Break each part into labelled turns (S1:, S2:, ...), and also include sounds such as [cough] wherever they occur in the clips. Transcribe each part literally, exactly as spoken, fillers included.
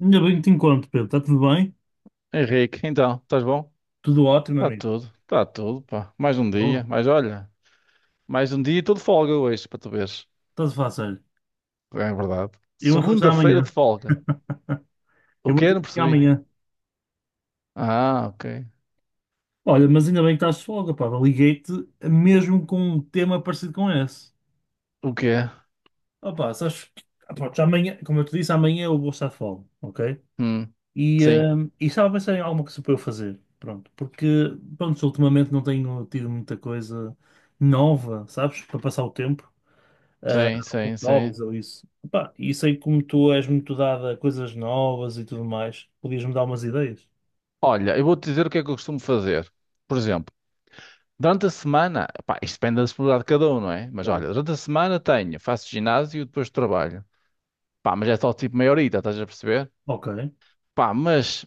S1: Ainda bem que te encontro, Pedro. Está tudo bem?
S2: Henrique, então, estás bom?
S1: Tudo ótimo,
S2: Está
S1: amigo.
S2: tudo, está tudo, pá. Mais um dia,
S1: Boa.
S2: mas olha, mais um dia e estou folga hoje, para tu veres.
S1: Está-se fácil.
S2: É verdade.
S1: Eu vou encontrar
S2: Segunda-feira de
S1: amanhã.
S2: folga. O
S1: Eu vou
S2: quê?
S1: te
S2: Não
S1: ligar
S2: percebi.
S1: amanhã.
S2: Ah, ok.
S1: Olha, mas ainda bem que estás de folga, pá. Liguei-te mesmo com um tema parecido com esse.
S2: O quê?
S1: Opa, sabes? que- ah, Pronto, já amanhã, como eu te disse, amanhã eu vou estar de folga, ok?
S2: Hum,
S1: E,
S2: sim,
S1: hum, e estava a pensar em alguma coisa para eu fazer. Pronto, porque, pronto, ultimamente não tenho tido muita coisa nova, sabes? Para passar o tempo. Ah,
S2: sim,
S1: alguns
S2: sim,
S1: novos
S2: sim.
S1: ou isso. Pá, e sei como tu és muito dada a coisas novas e tudo mais. Podias-me dar umas ideias?
S2: Olha, eu vou-te dizer o que é que eu costumo fazer. Por exemplo, durante a semana, pá, isto depende da disponibilidade de cada um, não é? Mas
S1: Claro.
S2: olha, durante a semana tenho, faço ginásio e depois trabalho. Pá, mas é só tipo meia horita, estás a perceber?
S1: Ok.
S2: Pá, mas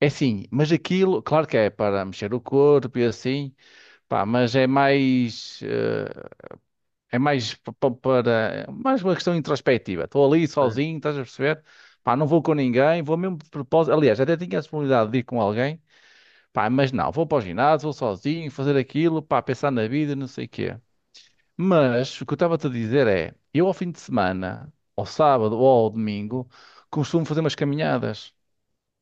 S2: é assim, mas aquilo, claro que é para mexer o corpo e assim, pá, mas é mais, eh, é mais pa- pa- para, mais uma questão introspectiva. Estou ali
S1: Ok.
S2: sozinho, estás a perceber? Pá, não vou com ninguém, vou mesmo de propósito. Aliás, até tinha a possibilidade de ir com alguém, pá, mas não, vou para o ginásio, vou sozinho, fazer aquilo, pá, pensar na vida, não sei o quê. Mas o que eu estava-te a dizer é, eu ao fim de semana, ao sábado ou ao domingo, costumo fazer umas caminhadas.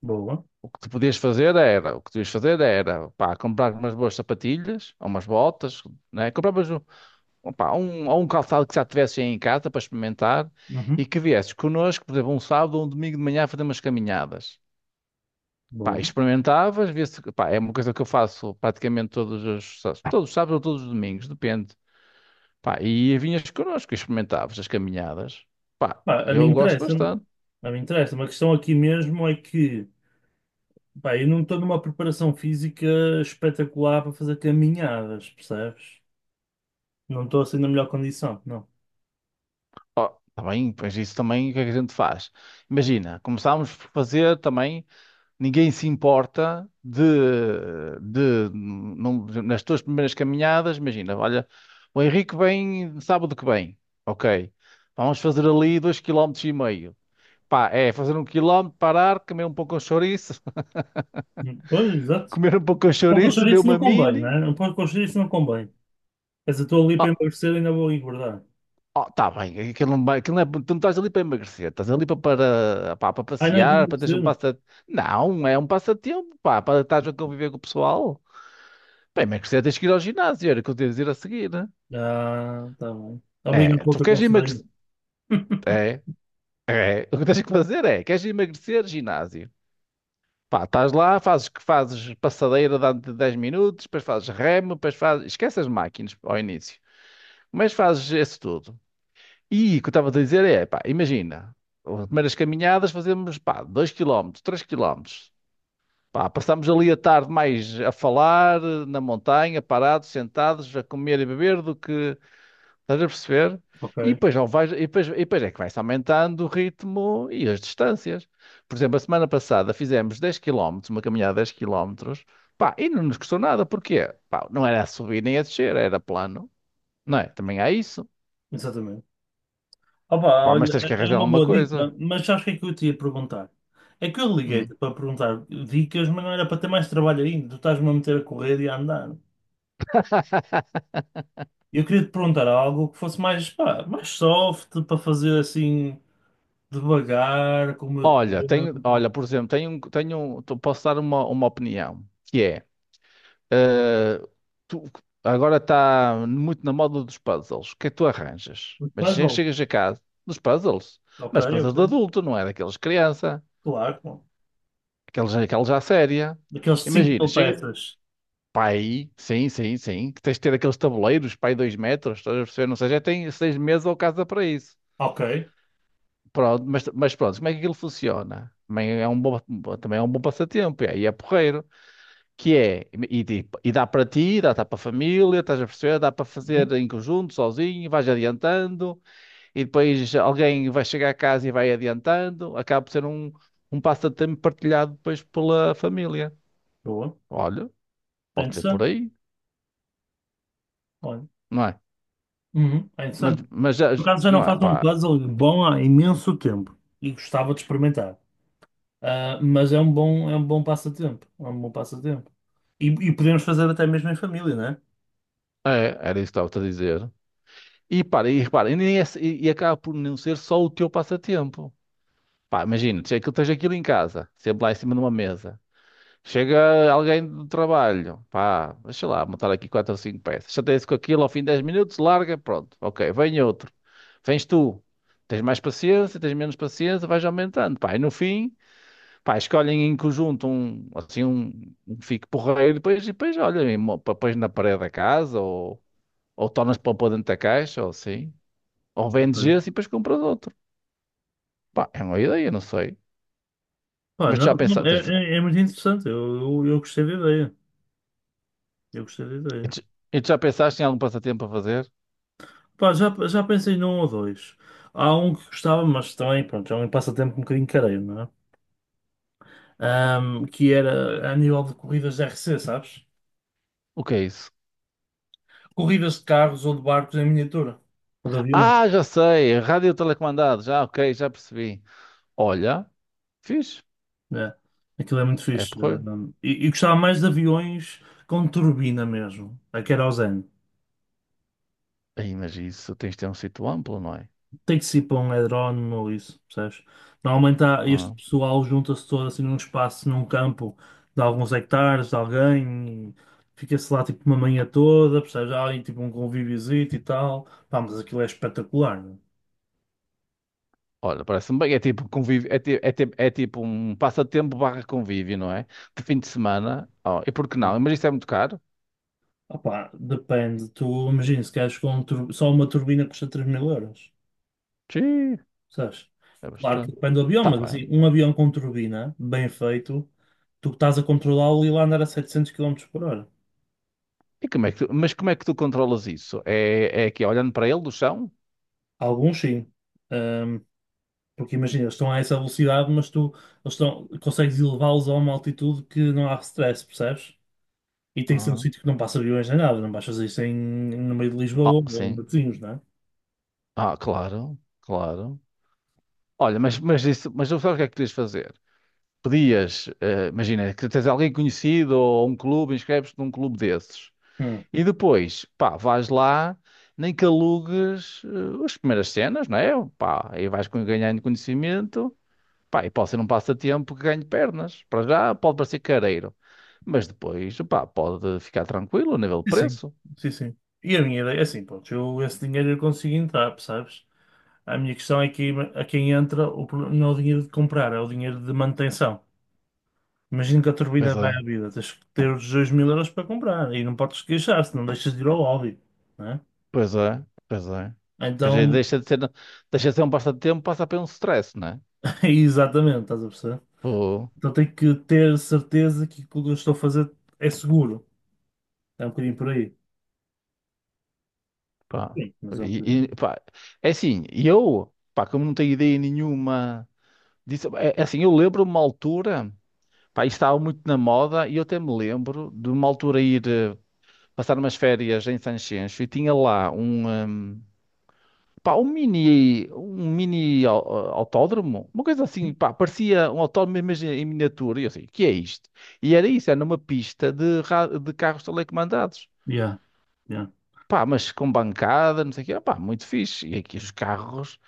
S1: Boa.
S2: O que tu podias fazer era, o que tu ias fazer era, pá, comprar umas boas sapatilhas, ou umas botas, né? Compravas um, pá, um, ou um calçado que já tivesse aí em casa para experimentar
S1: Uhum.
S2: e que viesses connosco, por exemplo, um sábado ou um domingo de manhã a fazer umas caminhadas. Pá,
S1: Boa.
S2: experimentavas, vias, pá, é uma coisa que eu faço praticamente todos os, sá- todos os sábados ou todos os domingos, depende. Pá, e vinhas connosco, e experimentavas as caminhadas. Pá,
S1: Pá, a mim
S2: eu gosto
S1: interessa-me.
S2: bastante.
S1: A mim interessa-me. A questão aqui mesmo é que, pá, eu não estou numa preparação física espetacular para fazer caminhadas, percebes? Não estou assim na melhor condição, não.
S2: Ó, tá bem, pois isso também, o que é que a gente faz? Imagina, começámos por fazer também. Ninguém se importa de, de não- nas tuas primeiras caminhadas, imagina, olha, o Henrique vem sábado que vem, ok, vamos fazer ali dois quilómetros e meio. Pá, é fazer um quilómetro, parar, comer um pouco de chouriço,
S1: Pois,
S2: [laughs]
S1: exato.
S2: comer um pouco de
S1: Para o
S2: chouriço,
S1: colchão
S2: beber
S1: isso não
S2: uma
S1: convém, né?
S2: mini.
S1: Para o colchão isso não convém. Mas eu estou ali para
S2: Oh,
S1: emagrecer, ainda vou engordar.
S2: oh, tá bem, aquilo não vai, aquilo não é, tu não estás ali para emagrecer, estás ali para, para, pá, para
S1: Ah, não é para
S2: passear, para teres um
S1: emagrecer?
S2: passa... Não, é um passatempo, pá, para estás a conviver com o pessoal. Para emagrecer tens que ir ao ginásio, era o que eu te ia dizer a seguir, né?
S1: Ah, tá bem. Obrigado
S2: É,
S1: pelo
S2: tu
S1: teu
S2: queres emagrecer.
S1: conselho.
S2: É, é. O que tens que fazer é, queres emagrecer, ginásio. Pá, estás lá, fazes que fazes passadeira durante dez minutos, depois fazes remo, depois fazes. Esquece as máquinas ao início. Mas fazes isso tudo. E o que eu estava a dizer é, pá, imagina, as primeiras caminhadas fazemos, pá, dois quilómetros, três quilómetros, pá, passamos ali a tarde mais a falar, na montanha, parados, sentados, a comer e beber, do que. Estás a perceber?
S1: Ok,
S2: E depois, não vais, e depois, e depois é que vai-se aumentando o ritmo e as distâncias. Por exemplo, a semana passada fizemos dez quilómetros, uma caminhada de dez quilómetros, pá, e não nos custou nada, porquê? Pá, não era a subir nem a descer, era plano, não é? Também há isso.
S1: exatamente. Opa,
S2: Pá, mas
S1: olha,
S2: tens que
S1: é
S2: arranjar
S1: uma
S2: alguma
S1: boa
S2: coisa.
S1: dica, mas sabes o que é que eu te ia perguntar? É que eu
S2: Hum.
S1: liguei-te para perguntar dicas, mas não era para ter mais trabalho ainda. Tu estás-me a meter a correr e a andar.
S2: [laughs]
S1: Eu queria te perguntar algo que fosse mais, pá, mais soft, para fazer assim, devagar, com o meu
S2: Olha, tenho,
S1: tempo.
S2: olha, por exemplo, tenho, um- tenho, um- tu- posso dar uma, uma opinião, que é, Tu- agora está muito na moda dos puzzles. O que é que tu arranjas? Mas che-
S1: Puzzle.
S2: chegas a casa dos puzzles.
S1: Ok,
S2: Mas
S1: ok.
S2: puzzles de adulto, não é daqueles de criança.
S1: Claro, claro.
S2: Aqueles, aqueles à séria.
S1: Daqueles cinco
S2: Imagina,
S1: mil
S2: chega.
S1: peças.
S2: Pai, sim, sim, sim. Que tens de ter aqueles tabuleiros, pai, dois metros. Estás a perceber? Não sei, já tem seis meses ou casa para isso.
S1: Ok.
S2: Pronto, mas, mas pronto, como é que aquilo funciona? Também é um bom, também é um bom passatempo. E aí é porreiro, que é, e, e- e dá para ti, dá, dá para a família, estás a perceber? Dá para fazer
S1: Uhum.
S2: em conjunto, sozinho, vais adiantando, e depois alguém vai chegar a casa e vai adiantando, acaba por ser um, um passatempo partilhado depois pela família.
S1: Boa.
S2: Olha,
S1: É
S2: pode ser por
S1: interessante.
S2: aí,
S1: Olha,
S2: não é?
S1: uhum, é
S2: Mas,
S1: interessante.
S2: mas já,
S1: Por
S2: já-
S1: acaso já não
S2: não é,
S1: faço um
S2: pá,
S1: puzzle bom há imenso tempo e gostava de experimentar. Ah, mas é um bom, é um bom passatempo. É um bom passatempo. E, e podemos fazer até mesmo em família, não é?
S2: é, era isso que estava-te a dizer. E para, e repara, e, nem é- e, e acaba por não ser só o teu passatempo. Pá, imagina, tens aquilo, tens aquilo em casa, sempre lá em cima de uma mesa. Chega alguém do trabalho, pá, deixa lá, montar aqui quatro ou cinco peças. Chateia-se com aquilo, ao fim de dez minutos, larga, pronto. Ok, vem outro. Vens tu. Tens mais paciência, tens menos paciência, vais aumentando, pá. E no fim, pá, escolhem em conjunto um, assim, um, um que fique porreiro, e depois, e depois olha, e mo- pá, pões na parede da casa, ou, ou tornas para pôr dentro da caixa, ou assim. Ou vendes
S1: Ok.
S2: esse e depois compras outro. Pá, é uma ideia, não sei.
S1: Pá,
S2: Mas tu
S1: não,
S2: já
S1: não,
S2: pensaste,
S1: é, é- é muito interessante. Eu, eu, eu gostei da ideia. Eu gostei da
S2: e
S1: ideia.
S2: tu e tu já pensaste em algum passatempo a fazer?
S1: Pá, já, já pensei num ou dois. Há um que gostava, mas também, pronto, é um passatempo um bocadinho careiro, não é? Ahm, que era a nível de corridas de R C, sabes?
S2: O que é isso?
S1: Corridas de carros ou de barcos em miniatura. Ou de aviões.
S2: Ah, já sei, rádio telecomandado, já, ok, já percebi. Olha, fixe,
S1: É. Aquilo é muito
S2: é
S1: fixe.
S2: porreiro.
S1: Um, e, e gostava mais de aviões com turbina mesmo, a querosene.
S2: Aí, mas isso tens de ter um sítio amplo, não é?
S1: Tem que ser para um drone ou isso, percebes? Normalmente há, este
S2: Ah,
S1: pessoal junta-se todo assim num espaço, num campo de alguns hectares, de alguém, e fica-se lá tipo uma manhã toda, percebes? Há ali tipo um convíviozinho e tal. Pá, mas aquilo é espetacular, meu.
S2: olha, parece-me bem, é tipo convívio, é, ti- é ti- é tipo um passatempo barra convívio, não é? De fim de semana, oh, e por que
S1: É.
S2: não? Mas isso é muito caro?
S1: Opá, depende. Tu imagina, se queres com um tur- só uma turbina custa três mil euros.
S2: Sim,
S1: Sabes?
S2: é
S1: Claro que
S2: bastante.
S1: depende do avião,
S2: Tá
S1: mas assim,
S2: bem.
S1: um avião com turbina, bem feito, tu estás a controlá-lo e lá andar a setecentos quilómetros por hora.
S2: E como é que tu- mas como é que tu controlas isso? É, é aqui, olhando para ele do chão?
S1: Alguns sim. Ahm, Porque imagina, eles estão a essa velocidade, mas tu eles estão, consegues elevá-los a uma altitude que não há stress, percebes? E tem que ser um
S2: Ah,
S1: sítio que não passa aviões nem nada, não vais fazer isso em, no meio de Lisboa
S2: oh,
S1: ou em
S2: sim.
S1: Matosinhos, não é?
S2: Ah, claro, claro. Olha, mas, mas isso, mas sabes o que é que podias fazer? Pedias, eh, imagina, que tens alguém conhecido ou um clube, inscreves-te num clube desses.
S1: Hum.
S2: E depois, pá, vais lá, nem que alugues eh, as primeiras cenas, não é? Pá, aí vais com- ganhando conhecimento, pá, e pode ser um passatempo que ganhe pernas. Para já pode parecer careiro, mas depois, pá, pode ficar tranquilo a nível de
S1: Sim, sim,
S2: preço.
S1: sim, sim. E a minha ideia é assim, pronto, eu esse dinheiro eu consigo entrar, percebes? A minha questão é que a quem entra o problema não é o dinheiro de comprar, é o dinheiro de manutenção. Imagina que a
S2: Pois
S1: turbina vai
S2: é,
S1: à vida, tens que ter os dois mil euros para comprar e não podes queixar, se não deixas de ir ao lobby, né?
S2: pois é, pois é. Pois é,
S1: Então,
S2: deixa de ser, deixa de ser um passatempo, passa a ser um stress, não é?
S1: [laughs] exatamente, estás a perceber? Então tenho que ter certeza que aquilo que eu estou a fazer é seguro. É um bocadinho por aí.
S2: Pá,
S1: Sim, mas é um bocadinho.
S2: e, e, pá, é assim, e eu, pá, como não tenho ideia nenhuma disso, é, é assim, eu lembro uma altura, pá, isto estava muito na moda, e eu até me lembro de uma altura ir eh, passar umas férias em Sanxenxo e tinha lá um, ehm, pá, um mini, um mini au- eh, autódromo, uma coisa assim, pá, parecia um autódromo mas em miniatura, e eu assim, o que é isto? E era isso, era numa pista de, ra- de carros telecomandados.
S1: Yeah, yeah.
S2: Pá, mas com bancada, não sei o quê. Pá, muito fixe. E aqui os carros.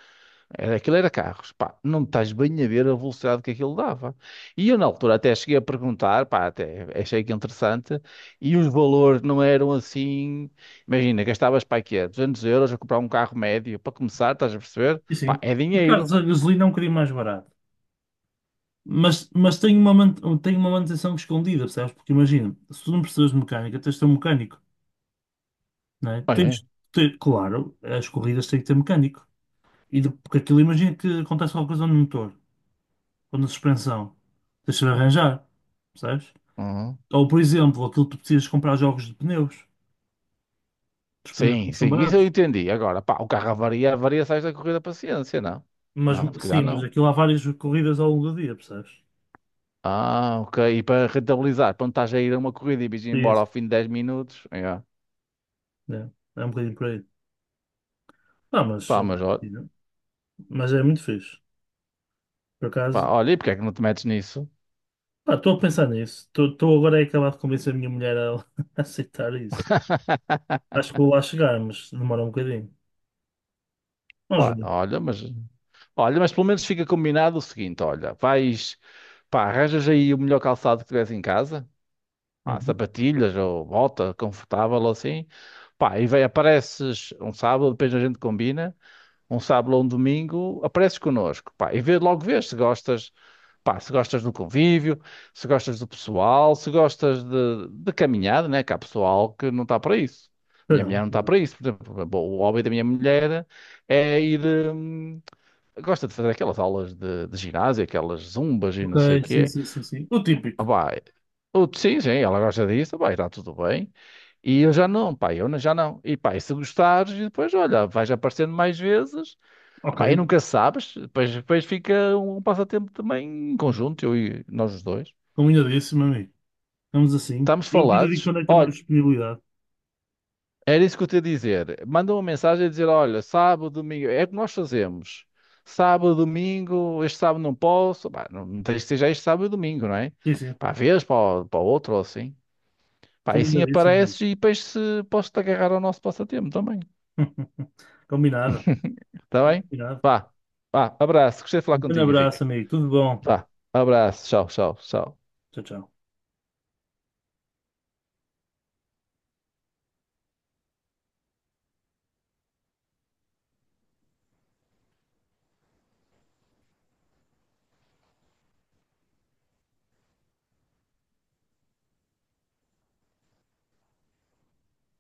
S2: Era, aquilo era carros, pá, não estás bem a ver a velocidade que aquilo dava. E eu na altura até cheguei a perguntar, pá, até achei que interessante, e os valores não eram assim, imagina, gastavas para quê? duzentos euros a comprar um carro médio, para começar, estás a perceber?
S1: E
S2: Pá,
S1: sim,
S2: é
S1: os carros
S2: dinheiro.
S1: a gasolina é um bocadinho mais barato. Mas, mas tem uma, man- tem uma manutenção escondida, percebes? Porque imagina, se tu não precisas de mecânica, tens de ter um mecânico. Não é?
S2: Olha, é.
S1: Tens, te- claro, as corridas têm que ter mecânico. E de- porque aquilo, imagina que acontece alguma coisa no motor, ou na suspensão. Tens de arranjar, percebes?
S2: Uhum.
S1: Ou, por exemplo, aquilo que tu precisas comprar jogos de pneus. Os pneus não
S2: Sim,
S1: são
S2: sim, isso eu
S1: baratos.
S2: entendi. Agora, pá, o carro avaria, avaria, sais da corrida paciência, não?
S1: Mas,
S2: Não, se calhar
S1: sim, mas
S2: não.
S1: aquilo há várias corridas ao longo do dia, percebes?
S2: Ah, ok, e para rentabilizar, quando estás a ir a uma corrida e vais
S1: É
S2: embora
S1: isso,
S2: ao fim de dez minutos, yeah.
S1: é, é um bocadinho por aí. Ah, mas,
S2: Pá, mas olha.
S1: mas é muito fixe. Por
S2: Pá,
S1: acaso,
S2: olha, e porque é que não te metes nisso?
S1: pá, estou a pensar nisso. Estou agora a acabar de convencer a minha mulher a, [laughs] a aceitar isso.
S2: [laughs]
S1: Acho que vou lá chegar, mas demora um bocadinho. Vamos
S2: Pá,
S1: ver.
S2: olha, mas olha, mas pelo menos fica combinado o seguinte, olha, vais, pá, arranjas aí o melhor calçado que tiveres em casa, pá,
S1: Uhum.
S2: sapatilhas ou bota confortável ou assim, pá, e vai, apareces um sábado, depois a gente combina, um sábado ou um domingo, apareces connosco, pá, e vê, logo vês se gostas, pá, se gostas do convívio, se gostas do pessoal, se gostas de, de caminhada, né? Que há pessoal que não está para isso. Minha mulher
S1: Caramba,
S2: não está
S1: caramba.
S2: para isso. Por exemplo, bom, o hobby da minha mulher é ir. Hum, gosta de fazer aquelas aulas de, de ginásio, aquelas zumbas e
S1: Ok,
S2: não sei o
S1: sim,
S2: quê.
S1: sim, sim, sim. O
S2: Ah,
S1: típico.
S2: pá, eu- sim, sim, ela gosta disso, pá, está tudo bem. E eu já não, pá, eu não- já não. E pá, e se gostares, e depois, olha, vais aparecendo mais vezes.
S1: Ok,
S2: Pá, e nunca sabes, depois, depois fica um passatempo também em conjunto, eu e nós os dois.
S1: combinadíssimo, amigo. Estamos assim.
S2: Estamos
S1: Eu depois digo
S2: falados?
S1: quando é que tem mais
S2: Olha,
S1: disponibilidade.
S2: era isso que eu te ia dizer. Manda uma mensagem a dizer: olha, sábado, domingo, é o que nós fazemos. Sábado, domingo, este sábado não posso. Pá, não, não tens que ser este sábado e domingo, não é?
S1: Sim, sim.
S2: Pá, vês para o, para o outro ou assim. Pá, e assim
S1: Combinadíssimo, amigo.
S2: apareces e depois se, posso-te agarrar ao nosso passatempo também.
S1: [laughs] Combinado.
S2: Está bem?
S1: Combinado.
S2: Vá, vá, abraço. Gostei de falar
S1: Um grande
S2: contigo,
S1: abraço,
S2: Henrique.
S1: amigo. Tudo bom.
S2: Vá, abraço. Tchau, tchau, tchau.
S1: Tchau, tchau.